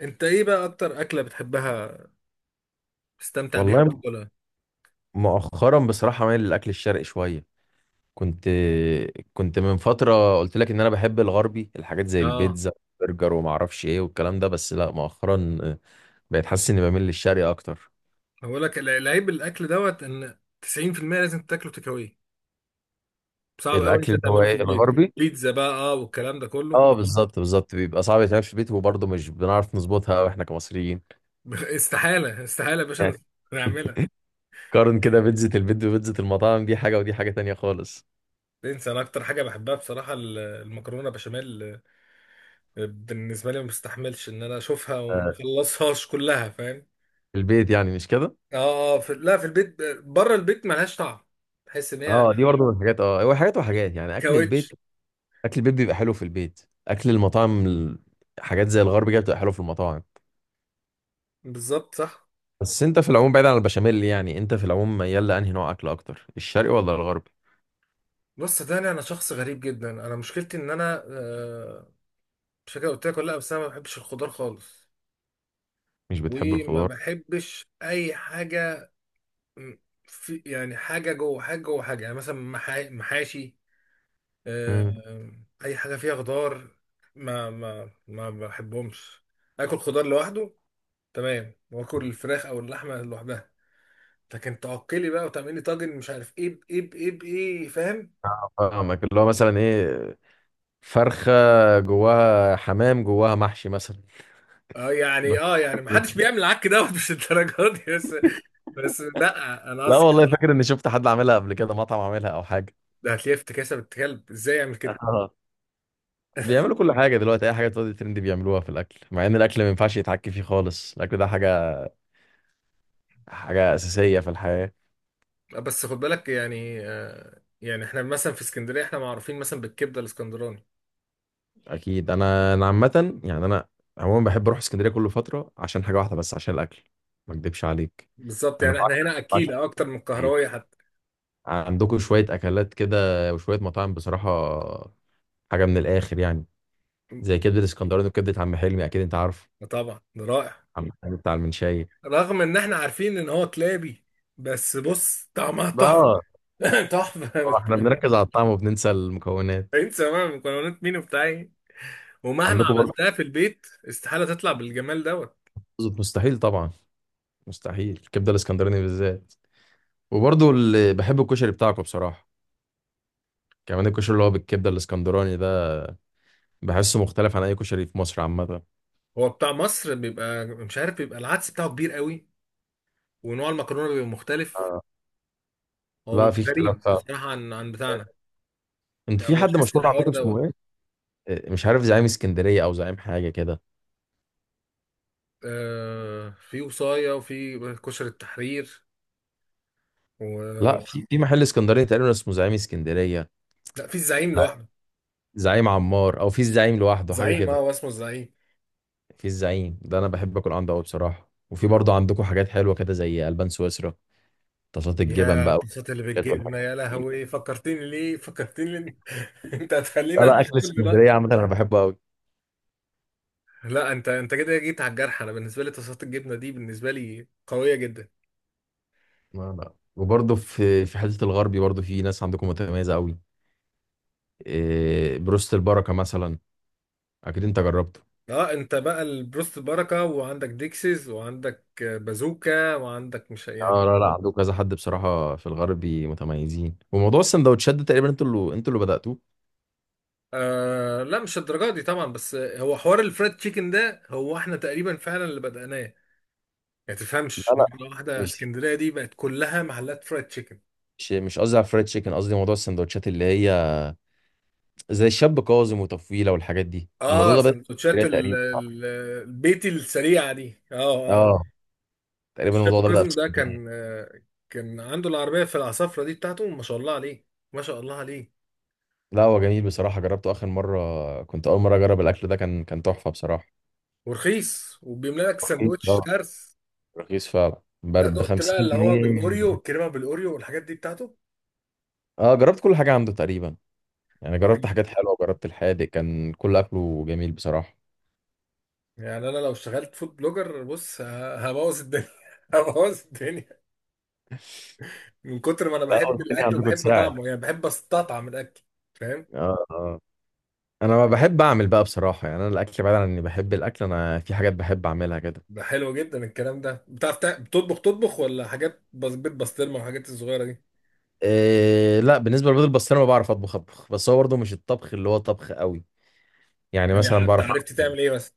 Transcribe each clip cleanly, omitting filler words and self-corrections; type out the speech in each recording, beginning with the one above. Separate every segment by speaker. Speaker 1: انت ايه بقى اكتر اكله بتحبها تستمتع بيها
Speaker 2: والله،
Speaker 1: وتاكلها؟
Speaker 2: مؤخرا بصراحة مايل للأكل الشرقي شوية. كنت كنت من فترة قلت لك إن أنا بحب الغربي، الحاجات زي
Speaker 1: اه.
Speaker 2: البيتزا، برجر وما أعرفش إيه والكلام ده. بس لا، مؤخرا بقيت حاسس إني بميل للشرقي أكتر.
Speaker 1: هقول لك، العيب الاكل دوت ان 90% لازم تاكله تكاوي، صعب قوي
Speaker 2: الأكل
Speaker 1: انت
Speaker 2: اللي هو
Speaker 1: تعمله في
Speaker 2: إيه
Speaker 1: البيت.
Speaker 2: الغربي؟
Speaker 1: بيتزا بقى، اه، والكلام ده كله.
Speaker 2: أه، بالظبط بالظبط، بيبقى صعب يتعمل في البيت، وبرضه مش بنعرف نظبطها أوي إحنا كمصريين.
Speaker 1: استحاله استحاله يا باشا
Speaker 2: يعني
Speaker 1: نعملها.
Speaker 2: قارن كده بيتزا البيت وبيتزا المطاعم، دي حاجة ودي حاجة تانية خالص.
Speaker 1: انسى. انا اكتر حاجه بحبها بصراحه المكرونه بشاميل. بالنسبه لي ما بستحملش ان انا اشوفها
Speaker 2: آه،
Speaker 1: ومخلصهاش كلها، فاهم.
Speaker 2: البيت يعني مش كده؟
Speaker 1: اه اه، لا، في البيت. بره البيت ملهاش طعم، تحس ان هي
Speaker 2: اه، دي برضه من الحاجات. اه هو حاجات وحاجات، يعني اكل البيت.
Speaker 1: كاوتش.
Speaker 2: اكل البيت بيبقى حلو في البيت، اكل المطاعم حاجات زي الغرب كده بتبقى حلو في المطاعم.
Speaker 1: بالظبط، صح.
Speaker 2: بس انت في العموم بعيد عن البشاميل، يعني انت في العموم ميال لانهي نوع اكل اكتر، الشرقي ولا الغربي؟
Speaker 1: بص صدقني، انا شخص غريب جدا. انا مشكلتي ان انا مش فاكر قلت لك ولا لا، بس انا ما بحبش الخضار خالص.
Speaker 2: مش بتحب
Speaker 1: وما
Speaker 2: الخضار.
Speaker 1: بحبش اي حاجه، م- في يعني حاجه جوه حاجه جوه حاجه، يعني مثلا محاشي.
Speaker 2: امم
Speaker 1: آه، اي حاجه فيها خضار ما بحبهمش. اكل خضار لوحده تمام، واكل الفراخ او اللحمه لوحدها. لكن تعقلي بقى وتعملي طاجن مش عارف ايه بايه بايه بايه، فاهم؟
Speaker 2: فاهمك، اللي هو مثلا ايه، فرخه جواها حمام، جواها محشي مثلا.
Speaker 1: اه يعني
Speaker 2: ب-
Speaker 1: اه يعني محدش بيعمل العك دوت، مش الدرجات دي. بس لا، انا
Speaker 2: لا
Speaker 1: قصدي
Speaker 2: والله، فاكر اني شفت حد عاملها قبل كده، مطعم عاملها او حاجه.
Speaker 1: ده هتلاقيه افتكاسه، بنت كلب ازاي يعمل كده.
Speaker 2: اه، بيعملوا كل حاجه دلوقتي، اي حاجه تقعد ترند بيعملوها في الاكل، مع ان الاكل ما ينفعش يتحكي فيه خالص، الاكل ده حاجه اساسيه في الحياه.
Speaker 1: بس خد بالك، يعني احنا مثلا في اسكندريه احنا معروفين مثلا بالكبده الاسكندراني.
Speaker 2: اكيد. انا عامه يعني، انا عموما بحب اروح اسكندريه كل فتره عشان حاجه واحده بس، عشان الاكل، ما اكدبش عليك.
Speaker 1: بالظبط،
Speaker 2: انا
Speaker 1: يعني احنا
Speaker 2: بعشق
Speaker 1: هنا
Speaker 2: بعشق
Speaker 1: اكيله اكتر من القهراوي
Speaker 2: اسكندرية.
Speaker 1: حتى.
Speaker 2: عندكم شويه اكلات كده وشويه مطاعم بصراحه، حاجه من الاخر يعني، زي كبده الاسكندراني وكبده عم حلمي، اكيد انت عارف
Speaker 1: طبعا، ده رائع.
Speaker 2: عم حلمي بتاع المنشاي.
Speaker 1: رغم ان احنا عارفين ان هو كلابي، بس بص طعمها
Speaker 2: بقى
Speaker 1: تحفه. تحفه
Speaker 2: طبعاً احنا
Speaker 1: بالكلاب.
Speaker 2: بنركز على الطعم وبننسى المكونات.
Speaker 1: انسى بقى مكونات مين وبتاع ايه، ومهما
Speaker 2: عندكم برضه،
Speaker 1: عملتها في البيت استحاله تطلع بالجمال دوت.
Speaker 2: مستحيل طبعا، مستحيل الكبده الاسكندراني بالذات. وبرضه اللي بحب الكشري بتاعكم بصراحه، كمان الكشري اللي هو بالكبده الاسكندراني، بحسه مختلف عن اي كشري في مصر عامه.
Speaker 1: هو بتاع مصر بيبقى مش عارف، بيبقى العدس بتاعه كبير قوي، ونوع المكرونه بيبقى مختلف.
Speaker 2: آه.
Speaker 1: هو
Speaker 2: لا،
Speaker 1: بيبقى
Speaker 2: في اختلاف
Speaker 1: غريب
Speaker 2: فعلا.
Speaker 1: بصراحة عن بتاعنا.
Speaker 2: انت
Speaker 1: يعني
Speaker 2: في
Speaker 1: أنا
Speaker 2: حد
Speaker 1: لاحظت
Speaker 2: مشهور
Speaker 1: الحوار
Speaker 2: عندكم اسمه ايه؟
Speaker 1: دوت.
Speaker 2: مش عارف، زعيم اسكندريه او زعيم حاجه كده.
Speaker 1: آه، في وصاية وفي كشر التحرير و...
Speaker 2: لا، في محل اسكندريه تقريبا اسمه زعيم اسكندريه.
Speaker 1: لا، في الزعيم
Speaker 2: ز-
Speaker 1: لوحده.
Speaker 2: زعيم عمار او في الزعيم لوحده، حاجه
Speaker 1: زعيم، اه،
Speaker 2: كده.
Speaker 1: هو اسمه الزعيم.
Speaker 2: في الزعيم ده انا بحب اكل عنده قوي بصراحه. وفي برضه عندكم حاجات حلوه كده زي البان سويسرا، طاسات الجبن
Speaker 1: يا
Speaker 2: بقى
Speaker 1: القصات اللي
Speaker 2: والحاجات
Speaker 1: بتجيبنا،
Speaker 2: والحاجات
Speaker 1: يا
Speaker 2: دي.
Speaker 1: لهوي، فكرتني ليه، فكرتني ليه؟ انت
Speaker 2: لا
Speaker 1: هتخليني
Speaker 2: لا،
Speaker 1: اعمل
Speaker 2: اكل
Speaker 1: حاجة
Speaker 2: اسكندريه
Speaker 1: دلوقتي.
Speaker 2: عامه انا بحبه قوي.
Speaker 1: لا، انت كده جيت على الجرح. انا بالنسبة لي طاسات الجبنة دي بالنسبة لي قوية جدا.
Speaker 2: لا لا، وبرضه في حته الغربي برضه في ناس عندكم متميزه قوي. بروست البركه مثلا، اكيد انت جربته.
Speaker 1: اه، انت بقى البروست بركة، وعندك ديكسيز، وعندك بازوكا، وعندك مش
Speaker 2: اه.
Speaker 1: يعني.
Speaker 2: لا لا، مم، عندكم كذا حد بصراحه في الغربي متميزين. وموضوع السندوتشات ده تقريبا انتوا اللي بداتوه.
Speaker 1: آه لا، مش الدرجه دي طبعا، بس هو حوار الفريد تشيكن ده، هو احنا تقريبا فعلا اللي بدأناه. ما
Speaker 2: لا
Speaker 1: تفهمش
Speaker 2: لا،
Speaker 1: مرة واحدة
Speaker 2: مش
Speaker 1: اسكندرية دي بقت كلها محلات فريد تشيكن.
Speaker 2: مش قصدي على الفرايد تشيكن، قصدي موضوع السندوتشات اللي هي زي الشاب كاظم وتفويله والحاجات دي. الموضوع
Speaker 1: اه،
Speaker 2: ده بدا في
Speaker 1: سندوتشات
Speaker 2: اسكندريه تقريبا، صح؟
Speaker 1: البيتي السريعة دي، اه اه.
Speaker 2: اه، تقريبا
Speaker 1: الشاب
Speaker 2: الموضوع ده بدا في
Speaker 1: كاظم ده
Speaker 2: اسكندريه.
Speaker 1: كان، كان عنده العربية في العصافرة دي بتاعته، ما شاء الله عليه، ما شاء الله عليه.
Speaker 2: لا، هو جميل بصراحه، جربته اخر مره، كنت اول مره اجرب الاكل ده، كان تحفه بصراحه.
Speaker 1: ورخيص، وبيملى لك
Speaker 2: رخيص
Speaker 1: سندوتش
Speaker 2: اه،
Speaker 1: ترس.
Speaker 2: رخيص فعلا
Speaker 1: لا،
Speaker 2: ب
Speaker 1: دقت بقى
Speaker 2: 50
Speaker 1: اللي هو
Speaker 2: جنيه
Speaker 1: بالاوريو، الكريمة بالاوريو والحاجات دي بتاعته.
Speaker 2: اه، جربت كل حاجه عنده تقريبا، يعني جربت حاجات حلوة، جربت الحادق، كان كل أكله جميل بصراحة.
Speaker 1: يعني انا لو اشتغلت فود بلوجر، بص، هبوظ الدنيا، هبوظ الدنيا من كتر ما انا
Speaker 2: بقى
Speaker 1: بحب
Speaker 2: قلت لي
Speaker 1: الاكل
Speaker 2: عندكم
Speaker 1: وبحب
Speaker 2: تساعد.
Speaker 1: طعمه، يعني بحب استطعم الاكل، فاهم.
Speaker 2: اه اه. أنا ما بحب أعمل بقى بصراحة، يعني أنا الأكل بعيد عن إني بحب الأكل، أنا في حاجات بحب أعملها كده.
Speaker 1: ده حلو جدا الكلام ده. بتعرف بتطبخ؟ تطبخ ولا حاجات بس بيت، بسطرمه والحاجات الصغيره دي.
Speaker 2: إيه لا، بالنسبة للبيض البسطرمة بعرف أطبخ، بس هو برضه مش الطبخ اللي هو طبخ قوي. يعني
Speaker 1: يعني
Speaker 2: مثلا
Speaker 1: انت
Speaker 2: بعرف
Speaker 1: عرفت تعمل ايه بس؟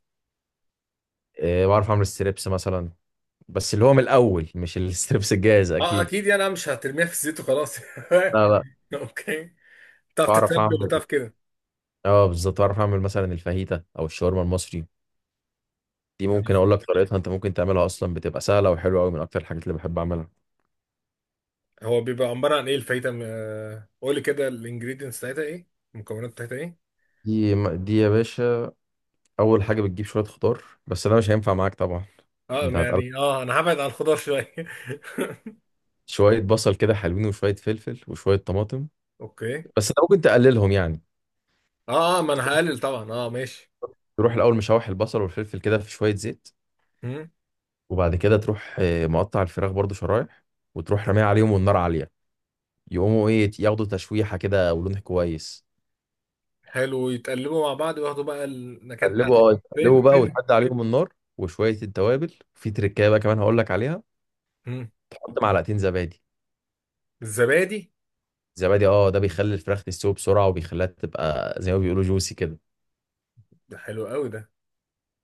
Speaker 2: إيه، بعرف أعمل ستريبس مثلا، بس اللي هو من الأول، مش الستريبس الجاهز
Speaker 1: اه
Speaker 2: أكيد.
Speaker 1: اكيد، يعني انا مش هترميها في الزيت وخلاص.
Speaker 2: لا لا،
Speaker 1: اوكي، بتعرف
Speaker 2: بعرف
Speaker 1: تتبل
Speaker 2: أعمل،
Speaker 1: وبتعرف كده.
Speaker 2: اه بالظبط، بعرف أعمل مثلا الفاهيتا أو الشاورما المصري. دي
Speaker 1: يعني
Speaker 2: ممكن اقول لك طريقتها، انت ممكن تعملها اصلا، بتبقى سهله وحلوه قوي، من اكتر الحاجات اللي بحب اعملها.
Speaker 1: هو بيبقى عباره عن ايه الفايته، قولي كده الانجريدينتس بتاعتها ايه، المكونات بتاعتها ايه.
Speaker 2: دي يا باشا، اول حاجه بتجيب شويه خضار، بس انا مش هينفع معاك طبعا.
Speaker 1: اه،
Speaker 2: انت
Speaker 1: ما
Speaker 2: هتقلب
Speaker 1: يعني اه انا هبعد عن الخضار شويه.
Speaker 2: شويه بصل كده حلوين، وشويه فلفل وشويه طماطم.
Speaker 1: اوكي.
Speaker 2: بس انت ممكن تقللهم يعني.
Speaker 1: اه، ما انا هقلل طبعا، اه ماشي.
Speaker 2: تروح الاول مشوح البصل والفلفل كده في شويه زيت،
Speaker 1: مم.
Speaker 2: وبعد كده تروح مقطع الفراخ برضو شرايح، وتروح راميها عليهم والنار عاليه، يقوموا ايه، ياخدوا تشويحه كده ولون كويس.
Speaker 1: حلو، يتقلبوا مع بعض وياخدوا بقى النكهات بتاعت
Speaker 2: تقلبوا، تقلبوا بقى،
Speaker 1: الفلفل.
Speaker 2: وتحد عليهم النار، وشويه التوابل. في تركايه بقى كمان هقول لك عليها،
Speaker 1: مم.
Speaker 2: حط معلقتين زبادي.
Speaker 1: الزبادي،
Speaker 2: زبادي اه، ده بيخلي الفراخ تستوي بسرعه، وبيخليها تبقى زي ما بيقولوا جوسي كده.
Speaker 1: ده حلو قوي ده.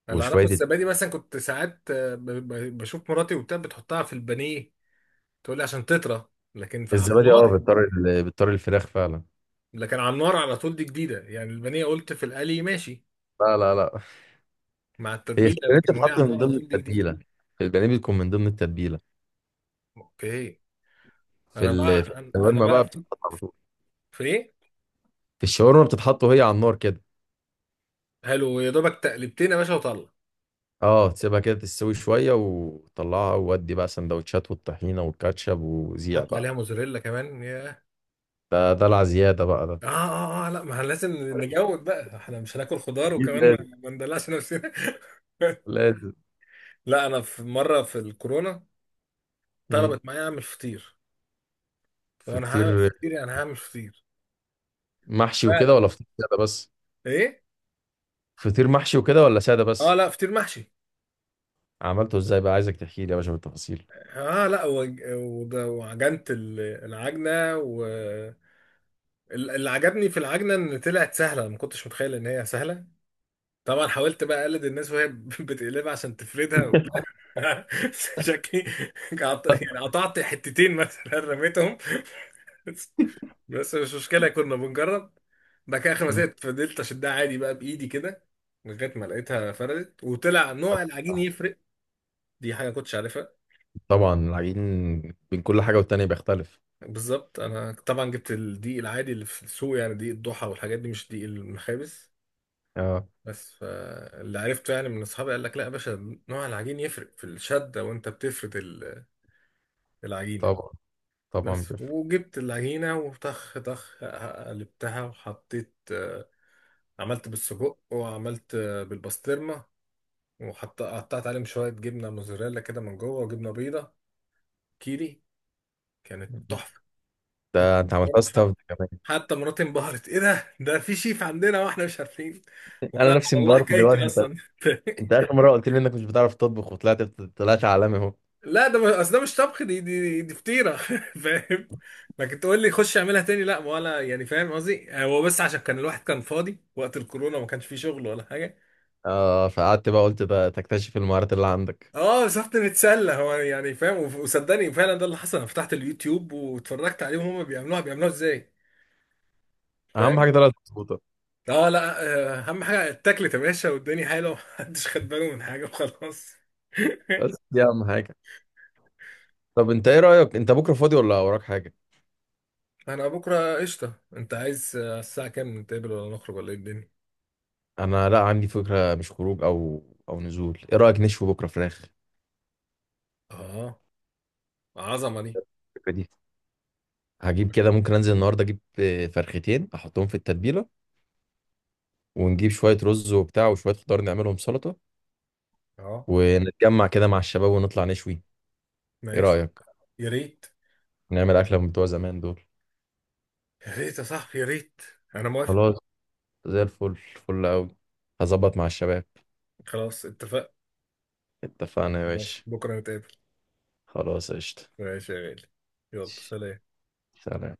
Speaker 1: اللي اعرفه
Speaker 2: وشويه
Speaker 1: الزبادي، مثلا كنت ساعات، بشوف مراتي وبتاع بتحطها في البانيه، تقول لي عشان تطرى، لكن في على
Speaker 2: الزبادي اه،
Speaker 1: النار،
Speaker 2: بتطري الفراخ فعلا.
Speaker 1: لكن على النار على طول دي جديده. يعني البانيه قلت في القلي ماشي
Speaker 2: لا لا لا،
Speaker 1: مع
Speaker 2: هي في
Speaker 1: التتبيله،
Speaker 2: البانيه
Speaker 1: لكن وهي
Speaker 2: بتتحط
Speaker 1: على
Speaker 2: من
Speaker 1: النار على
Speaker 2: ضمن
Speaker 1: طول دي جديده.
Speaker 2: التتبيله، في البانيه بتكون من ضمن التتبيله.
Speaker 1: اوكي. انا بقى
Speaker 2: في
Speaker 1: انا أنا
Speaker 2: الشاورما
Speaker 1: بقى
Speaker 2: بقى
Speaker 1: في
Speaker 2: بتتحط على طول،
Speaker 1: في ايه؟
Speaker 2: في الشاورما بتتحط وهي على النار كده.
Speaker 1: حلو، يا دوبك تقلبتين يا باشا وطلع.
Speaker 2: اه، تسيبها كده تستوي شويه وطلعها، وودي بقى سندوتشات والطحينه والكاتشب وزيع
Speaker 1: حط
Speaker 2: بقى.
Speaker 1: عليها موزاريلا كمان يا.
Speaker 2: ده العزياده بقى ده.
Speaker 1: لا، ما لازم نجود بقى، احنا مش هناكل خضار
Speaker 2: اكيد
Speaker 1: وكمان،
Speaker 2: لازم.
Speaker 1: ما ندلعش نفسنا.
Speaker 2: لازم.
Speaker 1: لا، انا في مره في الكورونا
Speaker 2: مم.
Speaker 1: طلبت معايا اعمل فطير، وانا هعمل
Speaker 2: فطير
Speaker 1: فطير، يعني هعمل فطير،
Speaker 2: محشي وكده ولا
Speaker 1: فعلا.
Speaker 2: فطير ساده بس؟
Speaker 1: ايه؟
Speaker 2: فطير محشي وكده ولا ساده
Speaker 1: اه
Speaker 2: بس؟
Speaker 1: لا، فطير محشي.
Speaker 2: عملته ازاي بقى؟ عايزك تحكي لي يا باشا بالتفاصيل.
Speaker 1: اه لا، وعجنت العجنه، و اللي عجبني في العجنه ان طلعت سهله، ما كنتش متخيل ان هي سهله. طبعا حاولت بقى اقلد الناس وهي بتقلبها عشان تفردها وبتاع. شكلي يعني قطعت حتتين مثلا، رميتهم، بس مش مشكله كنا بنجرب. بعد كده اخر ما
Speaker 2: مم.
Speaker 1: سقطت، فضلت اشدها عادي بقى بايدي كده، لغايه ما لقيتها فردت. وطلع نوع العجين يفرق، دي حاجه كنتش عارفها.
Speaker 2: طبعا العجين بين كل حاجه والتانيه بيختلف.
Speaker 1: بالظبط. انا طبعا جبت الدقيق العادي اللي في السوق، يعني دقيق الضحى والحاجات دي، مش دقيق المخابز.
Speaker 2: اه
Speaker 1: بس فاللي عرفته يعني من اصحابي قال لك لا يا باشا، نوع العجين يفرق في الشده وانت بتفرد العجينة.
Speaker 2: طبعا، طبعا
Speaker 1: بس،
Speaker 2: بيفرق.
Speaker 1: وجبت العجينة وطخ طخ، قلبتها وحطيت، عملت بالسجق، وعملت بالبسطرمة. وحط، قطعت عليهم شوية جبنة موزاريلا كده من جوه، وجبنة بيضة كيري. كانت تحفة.
Speaker 2: ده انت عملتها
Speaker 1: حت-
Speaker 2: ستاف كمان.
Speaker 1: حتى مراتي انبهرت، ايه ده، ده في شيف عندنا واحنا مش عارفين.
Speaker 2: انا
Speaker 1: وانا
Speaker 2: نفسي
Speaker 1: والله
Speaker 2: مبارك دلوقتي.
Speaker 1: حكايتي
Speaker 2: انت
Speaker 1: اصلا.
Speaker 2: انت اخر مره قلت لي انك مش بتعرف تطبخ، وطلعت طلعت عالمي اهو.
Speaker 1: لا، ده اصل ده مش طبخ، دي فطيره. فاهم. لكن تقول لي خش اعملها تاني، لا، ولا يعني، فاهم قصدي، يعني هو بس عشان كان الواحد كان فاضي وقت الكورونا، ما كانش فيه شغل ولا حاجه.
Speaker 2: اه فقعدت بقى، قلت ده تكتشف المهارات اللي عندك.
Speaker 1: اه، سافت نتسلى هو يعني، فاهم. وصدقني فعلا، ده اللي حصل، انا فتحت اليوتيوب واتفرجت عليهم هما بيعملوها، بيعملوها ازاي،
Speaker 2: اهم
Speaker 1: فاهم.
Speaker 2: حاجه طلعت مظبوطه.
Speaker 1: اه لا، اهم حاجه اتاكلت يا باشا، والدنيا حلوه. محدش خد باله من حاجه وخلاص.
Speaker 2: بس دي اهم حاجه. طب انت ايه رايك، انت بكره فاضي ولا وراك حاجه؟
Speaker 1: انا بكره قشطه. انت عايز، الساعه كام نتقابل، ولا نخرج، ولا ايه الدنيا.
Speaker 2: انا لا، عندي فكره، مش خروج او نزول، ايه رايك نشوي بكره فراخ؟
Speaker 1: اه، عظمه دي.
Speaker 2: الفكره دي، هجيب كده، ممكن انزل النهارده اجيب فرختين احطهم في التتبيله، ونجيب شويه رز وبتاع، وشويه خضار نعملهم سلطه،
Speaker 1: اه
Speaker 2: ونتجمع كده مع الشباب ونطلع نشوي. ايه
Speaker 1: ماشي.
Speaker 2: رايك؟
Speaker 1: يا ريت،
Speaker 2: نعمل اكله من بتوع زمان دول.
Speaker 1: يا ريت يا صاحبي، يا ريت. انا موافق.
Speaker 2: خلاص، زي الفل، فل قوي. هظبط مع الشباب.
Speaker 1: خلاص اتفقنا.
Speaker 2: اتفقنا يا
Speaker 1: خلاص
Speaker 2: باشا.
Speaker 1: بكره نتقابل.
Speaker 2: خلاص قشطه.
Speaker 1: ماشي يا غالي، يلا سلام.
Speaker 2: سلام.